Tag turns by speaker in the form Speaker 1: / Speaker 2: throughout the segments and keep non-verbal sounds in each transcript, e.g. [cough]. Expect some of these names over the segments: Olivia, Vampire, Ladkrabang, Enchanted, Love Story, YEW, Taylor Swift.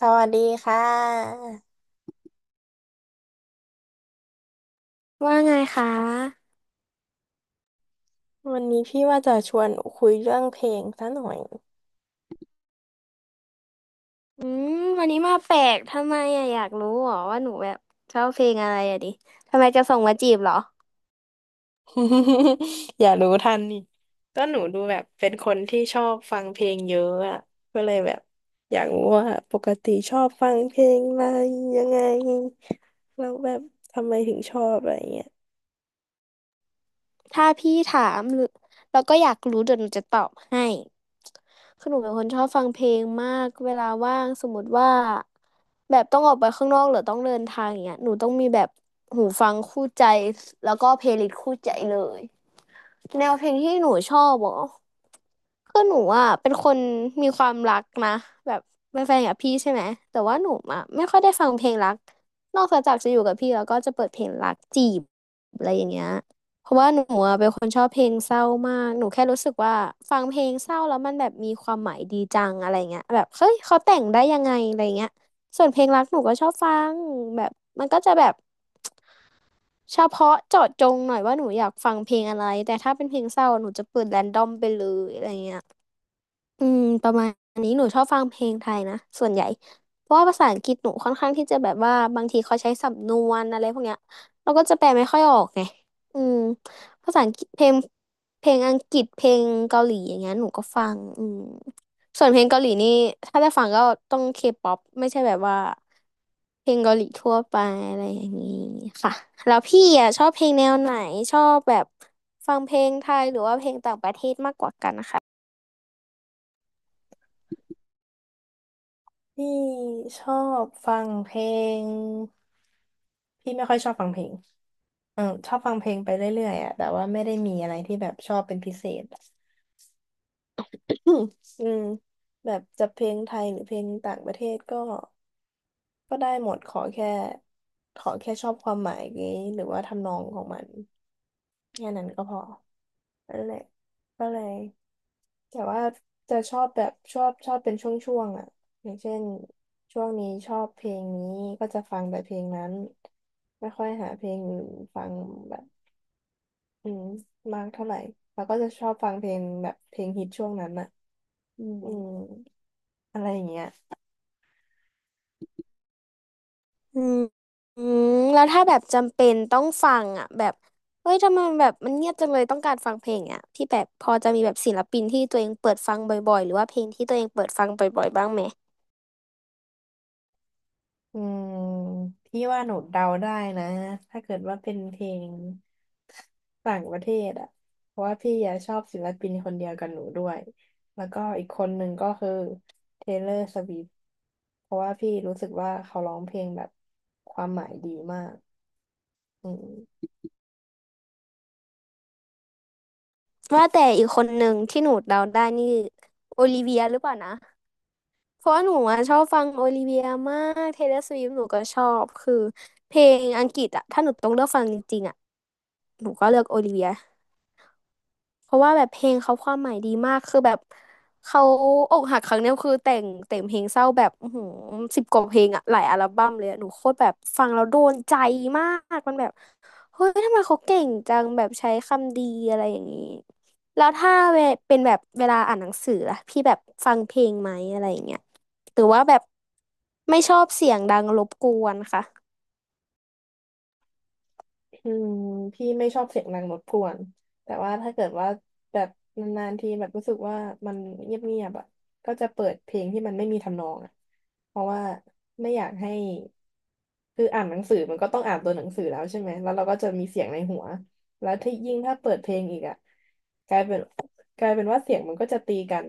Speaker 1: สวัสดีค่ะ
Speaker 2: ว่าไงคะ
Speaker 1: วันนี้พี่ว่าจะชวนคุยเรื่องเพลงซะหน่อย
Speaker 2: อืมวันนี้มาแปลกทำไมอะอยากรู้เหรอว่าหนูแบบชอบเพลงอะไรอะดิทำไมจะส่งมาจีบเหรอ
Speaker 1: [laughs] อย่ารู้ทันนี่ก็หนูดูแบบเป็นคนที่ชอบฟังเพลงเยอะอ่ะก็เลยแบบอยากรู้ว่าปกติชอบฟังเพลงอะไรยังไงแล้วแบบทำไมถึงชอบอะไรเงี้ย
Speaker 2: ถ้าพี่ถามหรือแล้วก็อยากรู้เดี๋ยวหนูจะตอบให้คือหนูเป็นคนชอบฟังเพลงมากเวลาว่างสมมติว่าแบบต้องออกไปข้างนอกหรือต้องเดินทางอย่างเงี้ยหนูต้องมีแบบหูฟังคู่ใจแล้วก็เพลย์ลิสต์คู่ใจเลย แนวเพลงที่หนูชอบเหรอคือหนูอ่ะเป็นคนมีความรักนะแบบเป็นแฟนกับพี่ใช่ไหมแต่ว่าหนูอ่ะไม่ค่อยได้ฟังเพลงรักนอกจากจะอยู่กับพี่แล้วก็จะเปิดเพลงรักจีบอะไรอย่างเงี้ยเพราะว่าหนูอะเป็นคนชอบเพลงเศร้ามากหนูแค่รู้สึกว่าฟังเพลงเศร้าแล้วมันแบบมีความหมายดีจังอะไรเงี้ยแบบเฮ้ยเขาแต่งได้ยังไงอะไรเงี้ยส่วนเพลงรักหนูก็ชอบฟังแบบมันก็จะแบบ เฉพาะเจาะจงหน่อยว่าหนูอยากฟังเพลงอะไรแต่ถ้าเป็นเพลงเศร้าหนูจะเปิดแรนดอมไปเลยอะไรเงี้ยประมาณนี้หนูชอบฟังเพลงไทยนะส่วนใหญ่เพราะว่าภาษาอังกฤษหนูค่อนข้างที่จะแบบว่าบางทีเขาใช้สำนวนอะไรพวกเนี้ยเราก็จะแปลไม่ค่อยออกไงอืมภาษาอังกฤษเพลงเพลงอังกฤษเพลงเกาหลีอย่างเงี้ยหนูก็ฟังส่วนเพลงเกาหลีนี่ถ้าได้ฟังก็ต้องเคป๊อปไม่ใช่แบบว่า เพลงเกาหลีทั่วไปอะไรอย่างนี้ค่ะแล้วพี่อ่ะชอบเพลงแนวไหนชอบแบบฟังเพลงไทยหรือว่า
Speaker 1: พี่ชอบฟังเพลงพี่ไม่ค่อยชอบฟังเพลงเออชอบฟังเพลงไปเรื่อยๆอ่ะแต่ว่าไม่ได้มีอะไรที่แบบชอบเป็นพิเศษ อืมอืมแบบจะเพลงไทยหรือเพลงต่างประเทศก็ก็ได้หมดขอแค่ขอแค่ชอบความหมายนี้หรือว่าทำนองของมันแค่นั้นก็พอนั่นแหละก็เลยแต่ว่าจะชอบแบบชอบชอบเป็นช่วงๆอ่ะอย่างเช่นช่วงนี้ชอบเพลงนี้ก็จะฟังแต่เพลงนั้นไม่ค่อยหาเพลงอื่นฟังแบบอืมมากเท่าไหร่แล้วก็จะชอบฟังเพลงแบบเพลงฮิตช่วงนั้นอ่ะอืมอืมอะไรอย่างเงี้ย
Speaker 2: อืมอืมแล้วถ้าแบบจำเป็นต้องฟังอ่ะแบบเฮ้ยทำไมแบบมันเงียบจังเลยต้องการฟังเพลงอ่ะพี่แบบพอจะมีแบบศิลปินที่ตัวเองเปิดฟังบ่อยๆหรือว่าเพลงที่ตัวเองเปิดฟังบ่อยๆบ้างไหม
Speaker 1: อืมพี่ว่าหนูเดาได้นะถ้าเกิดว่าเป็นเพลงต่างประเทศอ่ะเพราะว่าพี่อะชอบศิลปินคนเดียวกับหนูด้วยแล้วก็อีกคนหนึ่งก็คือ Taylor Swift เพราะว่าพี่รู้สึกว่าเขาร้องเพลงแบบความหมายดีมากอืม
Speaker 2: ว่าแต่อีกคนหนึ่งที่หนูเดาได้นี่โอลิเวียหรือเปล่านะ เพราะว่าหนูอะชอบฟังโอลิเวียมากเทเลอร์สวิฟหนูก็ชอบคือเพลงอังกฤษอะถ้าหนูต้องเลือกฟังจริงๆอะหนูก็เลือกโอลิเวีย เพราะว่าแบบเพลงเขาความหมายดีมากคือแบบเขาอกหักครั้งเนี้ยคือแต่งเพลงเศร้าแบบอื้อหือสิบกว่าเพลงอะหลายอัลบั้มเลยอะหนูโคตรแบบฟังแล้วโดนใจมากมันแบบเฮ้ยทำไมเขาเก่งจังแบบใช้คำดีอะไรอย่างนี้แล้วถ้าเวเป็นแบบเวลาอ่านหนังสือล่ะพี่แบบฟังเพลงไหมอะไรอย่างเงี้ยหรือว่าแบบไม่ชอบเสียงดังรบกวนค่ะ
Speaker 1: อืมพี่ไม่ชอบเสียงดังรบกวนแต่ว่าถ้าเกิดว่าแบบนานๆทีแบบรู้สึกว่ามันเงียบๆอ่ะก็จะเปิดเพลงที่มันไม่มีทำนองอ่ะเพราะว่าไม่อยากให้ คืออ่านหนังสือมันก็ต้องอ่านตัวหนังสือแล้วใช่ไหมแล้วเราก็จะมีเสียงในหัวแล้วที่ยิ่งถ้าเปิดเพลงอีกอ่ะ กลายเป็นว่าเสียงมันก็จะตีกัน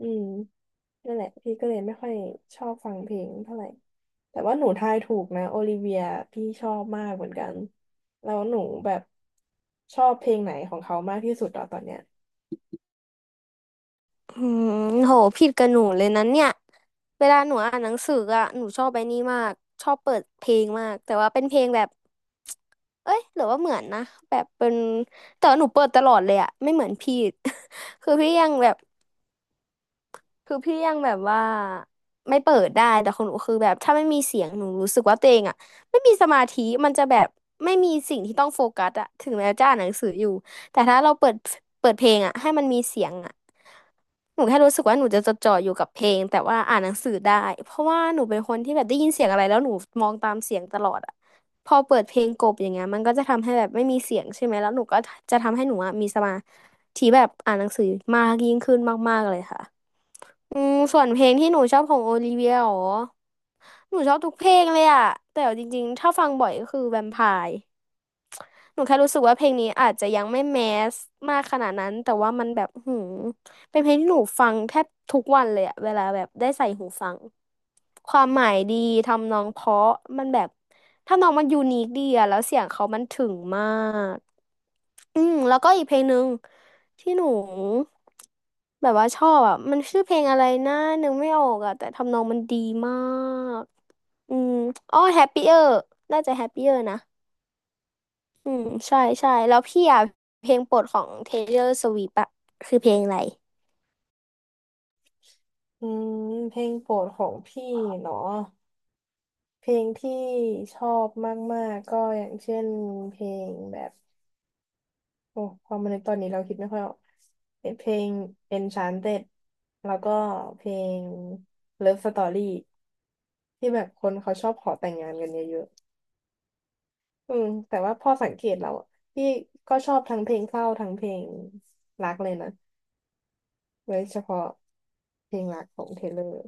Speaker 1: อืมนั่นแหละพี่ก็เลยไม่ค่อยชอบฟังเพลงเท่าไหร่แต่ว่าหนูทายถูกนะโอลิเวียพี่ชอบมากเหมือนกันแล้วหนูแบบชอบเพลงไหนของเขามากที่สุดเ่อตอนเนี้ย
Speaker 2: อืมโหผิดกับหนูเลยนะเนี่ย เวลาหนูอ่านหนังสืออ่ะหนูชอบไปนี่มากชอบเปิดเพลงมากแต่ว่าเป็นเพลงแบบเอ้ยหรือว่าเหมือนนะแบบเป็นแต่ว่าหนูเปิดตลอดเลยอ่ะไม่เหมือนพี่ [laughs] คือพี่ยังแบบ คือพี่ยังแบบว่าไม่เปิดได้แต่ของหนูคือแบบถ้าไม่มีเสียงหนูรู้สึกว่าตัวเองอะไม่มีสมาธิมันจะแบบไม่มีสิ่งที่ต้องโฟกัสอะถึงแม้จะอ่านหนังสืออยู่แต่ถ้าเราเปิดเพลงอะให้มันมีเสียงอะหนูแค่รู้สึกว่าหนูจะจดจ่ออยู่กับเพลงแต่ว่าอ่านหนังสือได้เพราะว่าหนูเป็นคนที่แบบได้ยินเสียงอะไรแล้วหนูมองตามเสียงตลอดอะพอเปิดเพลงกลบอย่างเงี้ยมันก็จะทำให้แบบไม่มีเสียงใช่ไหมแล้วหนูก็จะทำให้หนูอะมีสมาธิแบบอ่านหนังสือมากยิ่งขึ้นมากๆเลยค่ะ ส่วนเพลงที่หนูชอบของโอลิเวียเหรอหนูชอบทุกเพลงเลยอะแต่เอาจริงๆถ้าฟังบ่อยก็คือแวมไพร์หนูแค่รู้สึกว่าเพลงนี้อาจจะยังไม่แมสมากขนาดนั้นแต่ว่ามันแบบหืมเป็นเพลงที่หนูฟังแทบทุกวันเลยอะเวลาแบบได้ใส่หูฟังความหมายดีทำนองเพราะมันแบบทำนองมันยูนิคดีอะแล้วเสียงเขามันถึงมาก แล้วก็อีกเพลงหนึ่งที่หนูแบบว่าชอบอ่ะมันชื่อเพลงอะไรนะนึกไม่ออกอ่ะแต่ทำนองมันดีมากอืมอ๋อ Happier น่าจะ Happier นะอืมใช่ใช่แล้วพี่อ่ะเพลงโปรดของ Taylor Swift อ่ะคือเพลงอะไร
Speaker 1: อืมเพลงโปรดของพี่เนาะเพลงที่ชอบมากๆก็อย่างเช่นเพลงแบบ โอ้พอมาในกตอนนี้เราคิดไม่ค่อยออกเป็นเพลง Enchanted แล้วก็เพลง Love Story ที่แบบคนเขาชอบขอแต่งงานกันเยอะๆอืมแต่ว่าพอสังเกตเราอะพี่ก็ชอบทั้งเพลงเศร้าทั้งเพลงรักเลยนะโดยเฉพาะเพลงรักของเทเลอร์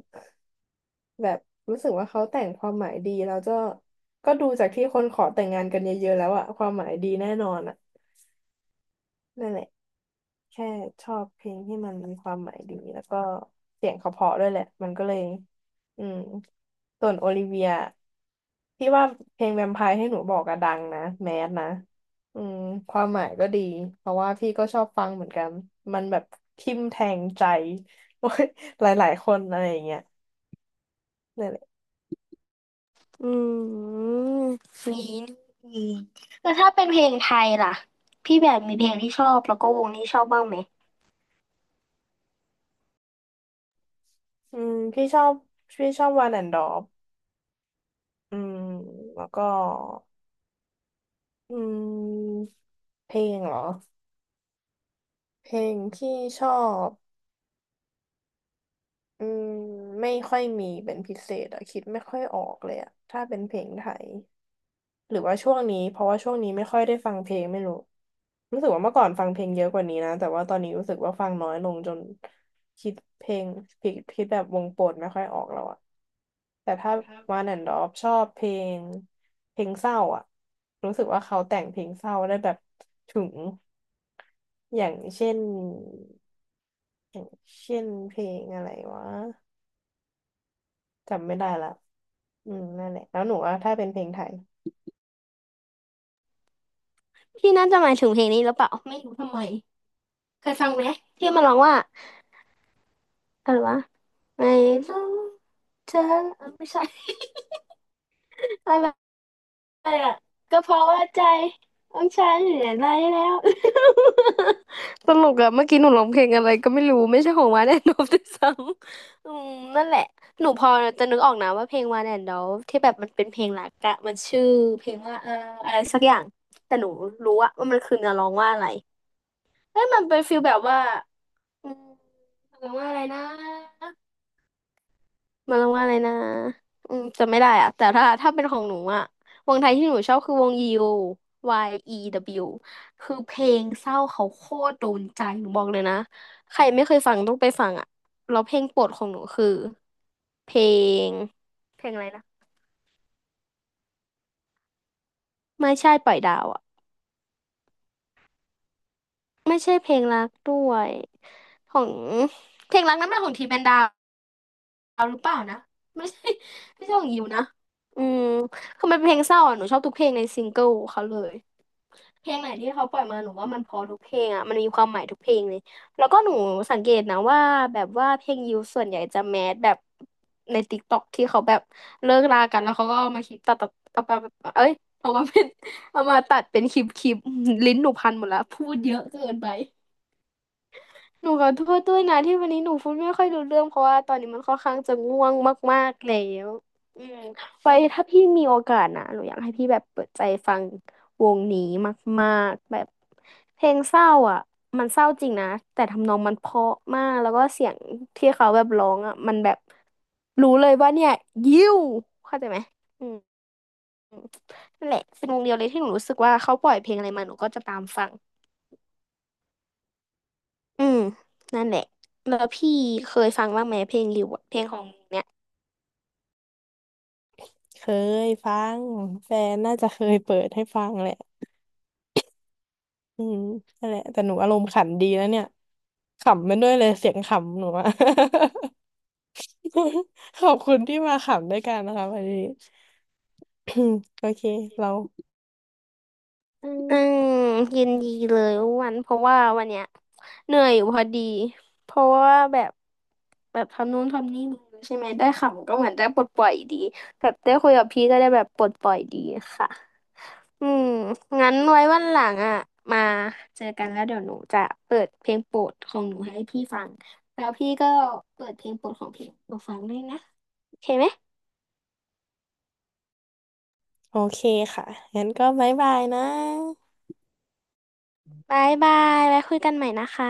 Speaker 1: แบบรู้สึกว่าเขาแต่งความหมายดีแล้วก็ก็ดูจากที่คนขอแต่งงานกันเยอะๆแล้วอะความหมายดีแน่นอนอะนั่นแหละ แค่ชอบเพลงที่มันมีความหมายดีแล้วก็เสียงเขาเพราะด้วยแหละมันก็เลยอืมส่วนโอลิเวียพี่ว่าเพลงแวมไพร์ให้หนูบอกอะดังนะแมสนะอืมความหมายก็ดีเพราะว่าพี่ก็ชอบฟังเหมือนกันมันแบบทิ่มแทงใจ [laughs] โอ้ยหลายๆคนอะไรอย่างเงี้ยนั่นแหละ
Speaker 2: อืมมีนี่แล้วถ้าเป็นเพลงไทยล่ะพี่แบบมีเพลงที่ชอบแล้วก็วงที่ชอบบ้างไหม
Speaker 1: อืมพี่ชอบวานแอนดอฟอืมแล้วก็อืมเพลงเหรอเพลงที่ชอบ อืมไม่ค่อยมีเป็นพิเศษอะคิดไม่ค่อยออกเลยอะถ้าเป็นเพลงไทยหรือว่าช่วงนี้เพราะว่าช่วงนี้ไม่ค่อยได้ฟังเพลงไม่รู้รู้สึกว่าเมื่อก่อนฟังเพลงเยอะกว่านี้นะแต่ว่าตอนนี้รู้สึกว่าฟังน้อยลงจนคิดเพลงคิดแบบวงโปรดไม่ค่อยออกแล้วอะแต่ถ้าวันแอนด์ดอฟชอบเพลงเพลงเศร้าอะรู้สึกว่าเขาแต่งเพลงเศร้าได้แบบถึงอย่างเช่นอย่างเพลงอะไรวะจำไม่ได้ละ อืมนั่นแหละแล้วหนูว่าถ้าเป็นเพลงไทย
Speaker 2: พี่น่าจะหมายถึงเพลงนี้หรือเปล่าไม่รู้ทำไมเคยฟังไหมที่มันร้องว่า อะไรวะไม่รู้เธอไม่ใช่ [laughs] อะไรอะก็เพราะว่าใจของฉันเหลืออะไรแล้ว [laughs] ตลก [laughs] อะเมื่อกี้หนูร้องเพลงอะไรก็ไม่รู้ไม่ใช่ของวานแอนดอลด้วยซ้ำ [laughs] อืมนั่นแหละหนูพอจะนึกออกนะว่าเพลงวานแอนดอลที่แบบมันเป็นเพลงหลักอะมันชื่อเพลงว่าอะไรสักอย่างแต่หนูรู้อะว่ามันคือเนื้อร้องว่าอะไรเอ้ยมันเป็นฟีลแบบว่าอืมร้องว่าอะไรนะ มันว่าอะไรนะอืมจำไม่ได้อะแต่ถ้าเป็นของหนูอะวงไทยที่หนูชอบคือวงยิว YEW คือเพลงเศร้าเขาโคตรโดนใจหนูบอกเลยนะใครไม่เคยฟังต้องไปฟังอะแล้วเพลงโปรดของหนูคือเพลงเพลงอะไรนะไม่ใช่ปล่อยดาวอะไม่ใช่เพลงรักด้วยของเพลงรักนั้นเป็นของทีแมนดาวหรือเปล่านะไม่ใช่ไม่ใช่ของยิวนะอืมคือมันเป็นเพลงเศร้าอ่ะหนูชอบทุกเพลงในซิงเกิลเขาเลย เพลงไหนที่เขาปล่อยมาหนูว่ามันเพอทุกเพลงอ่ะมันมีความหมายทุกเพลงเลยแล้วก็หนูสังเกตนะว่าแบบว่าเพลงยิวส่วนใหญ่จะแมสแบบในติ๊กต็อกที่เขาแบบเลิกรากันแล้วเขาก็เอามาคลิปตัดตัดเอามาเอ้ยเอามาเป็นเอามาตัดเป็นคลิปลิ้นหนูพันหมดแล้วพูดเยอะเกินไป หนูขอโทษด้วยนะที่วันนี้หนูพูดไม่ค่อยรู้เรื่องเพราะว่าตอนนี้มันค่อนข้างจะง่วงมากๆแล้วอืมไว้ถ้าพี่มีโอกาสนะหนูอยากให้พี่แบบเปิดใจฟังวงนี้มากๆแบบเพลงเศร้าอ่ะมันเศร้าจริงนะแต่ทำนองมันเพราะมากแล้วก็เสียงที่เขาแบบร้องอ่ะมันแบบรู้เลยว่าเนี่ยยิ้วเข้าใจไหมอืมนั่นแหละเป็นวงเดียวเลยที่หนูรู้สึกว่าเขาปล่อยเพลงอะไรมาหนูก็จะตามฟัง อืมนั่นแหละแล้วพี่เคยฟังบ้างไหมเพลงริวอะเพลงของเนี่ย
Speaker 1: เคยฟังแฟนน่าจะเคยเปิดให้ฟังแหละอืมนั่นแหละแต่หนูอารมณ์ขันดีแล้วเนี่ยขำมันด้วยเลยเสียงขำหนูอะ [laughs] ขอบคุณที่มาขำด้วยกันนะคะวันนี้ [coughs] โอเคเราอืม
Speaker 2: อืมยินดีเลยอ้วันเพราะว่าวันเนี้ยเหนื่อยอยู่พอดีเพราะว่าแบบทำนู่นทำนี่มาใช่ไหมได้ขำก็เหมือนได้ปลดปล่อยดีแบบได้คุยกับพี่ก็ได้แบบปลดปล่อยดีค่ะอืมงั้นไว้วันหลังอ่ะมาเจอกันแล้วเดี๋ยวหนูจะเปิดเพลงโปรดของหนูให้พี่ฟังแล้วพี่ก็เปิดเพลงโปรดของพี่หนูฟังด้วยนะโอเคไหม
Speaker 1: โอเคค่ะงั้นก็บ๊ายบายนะ
Speaker 2: บายบายไว้คุยกันใหม่นะคะ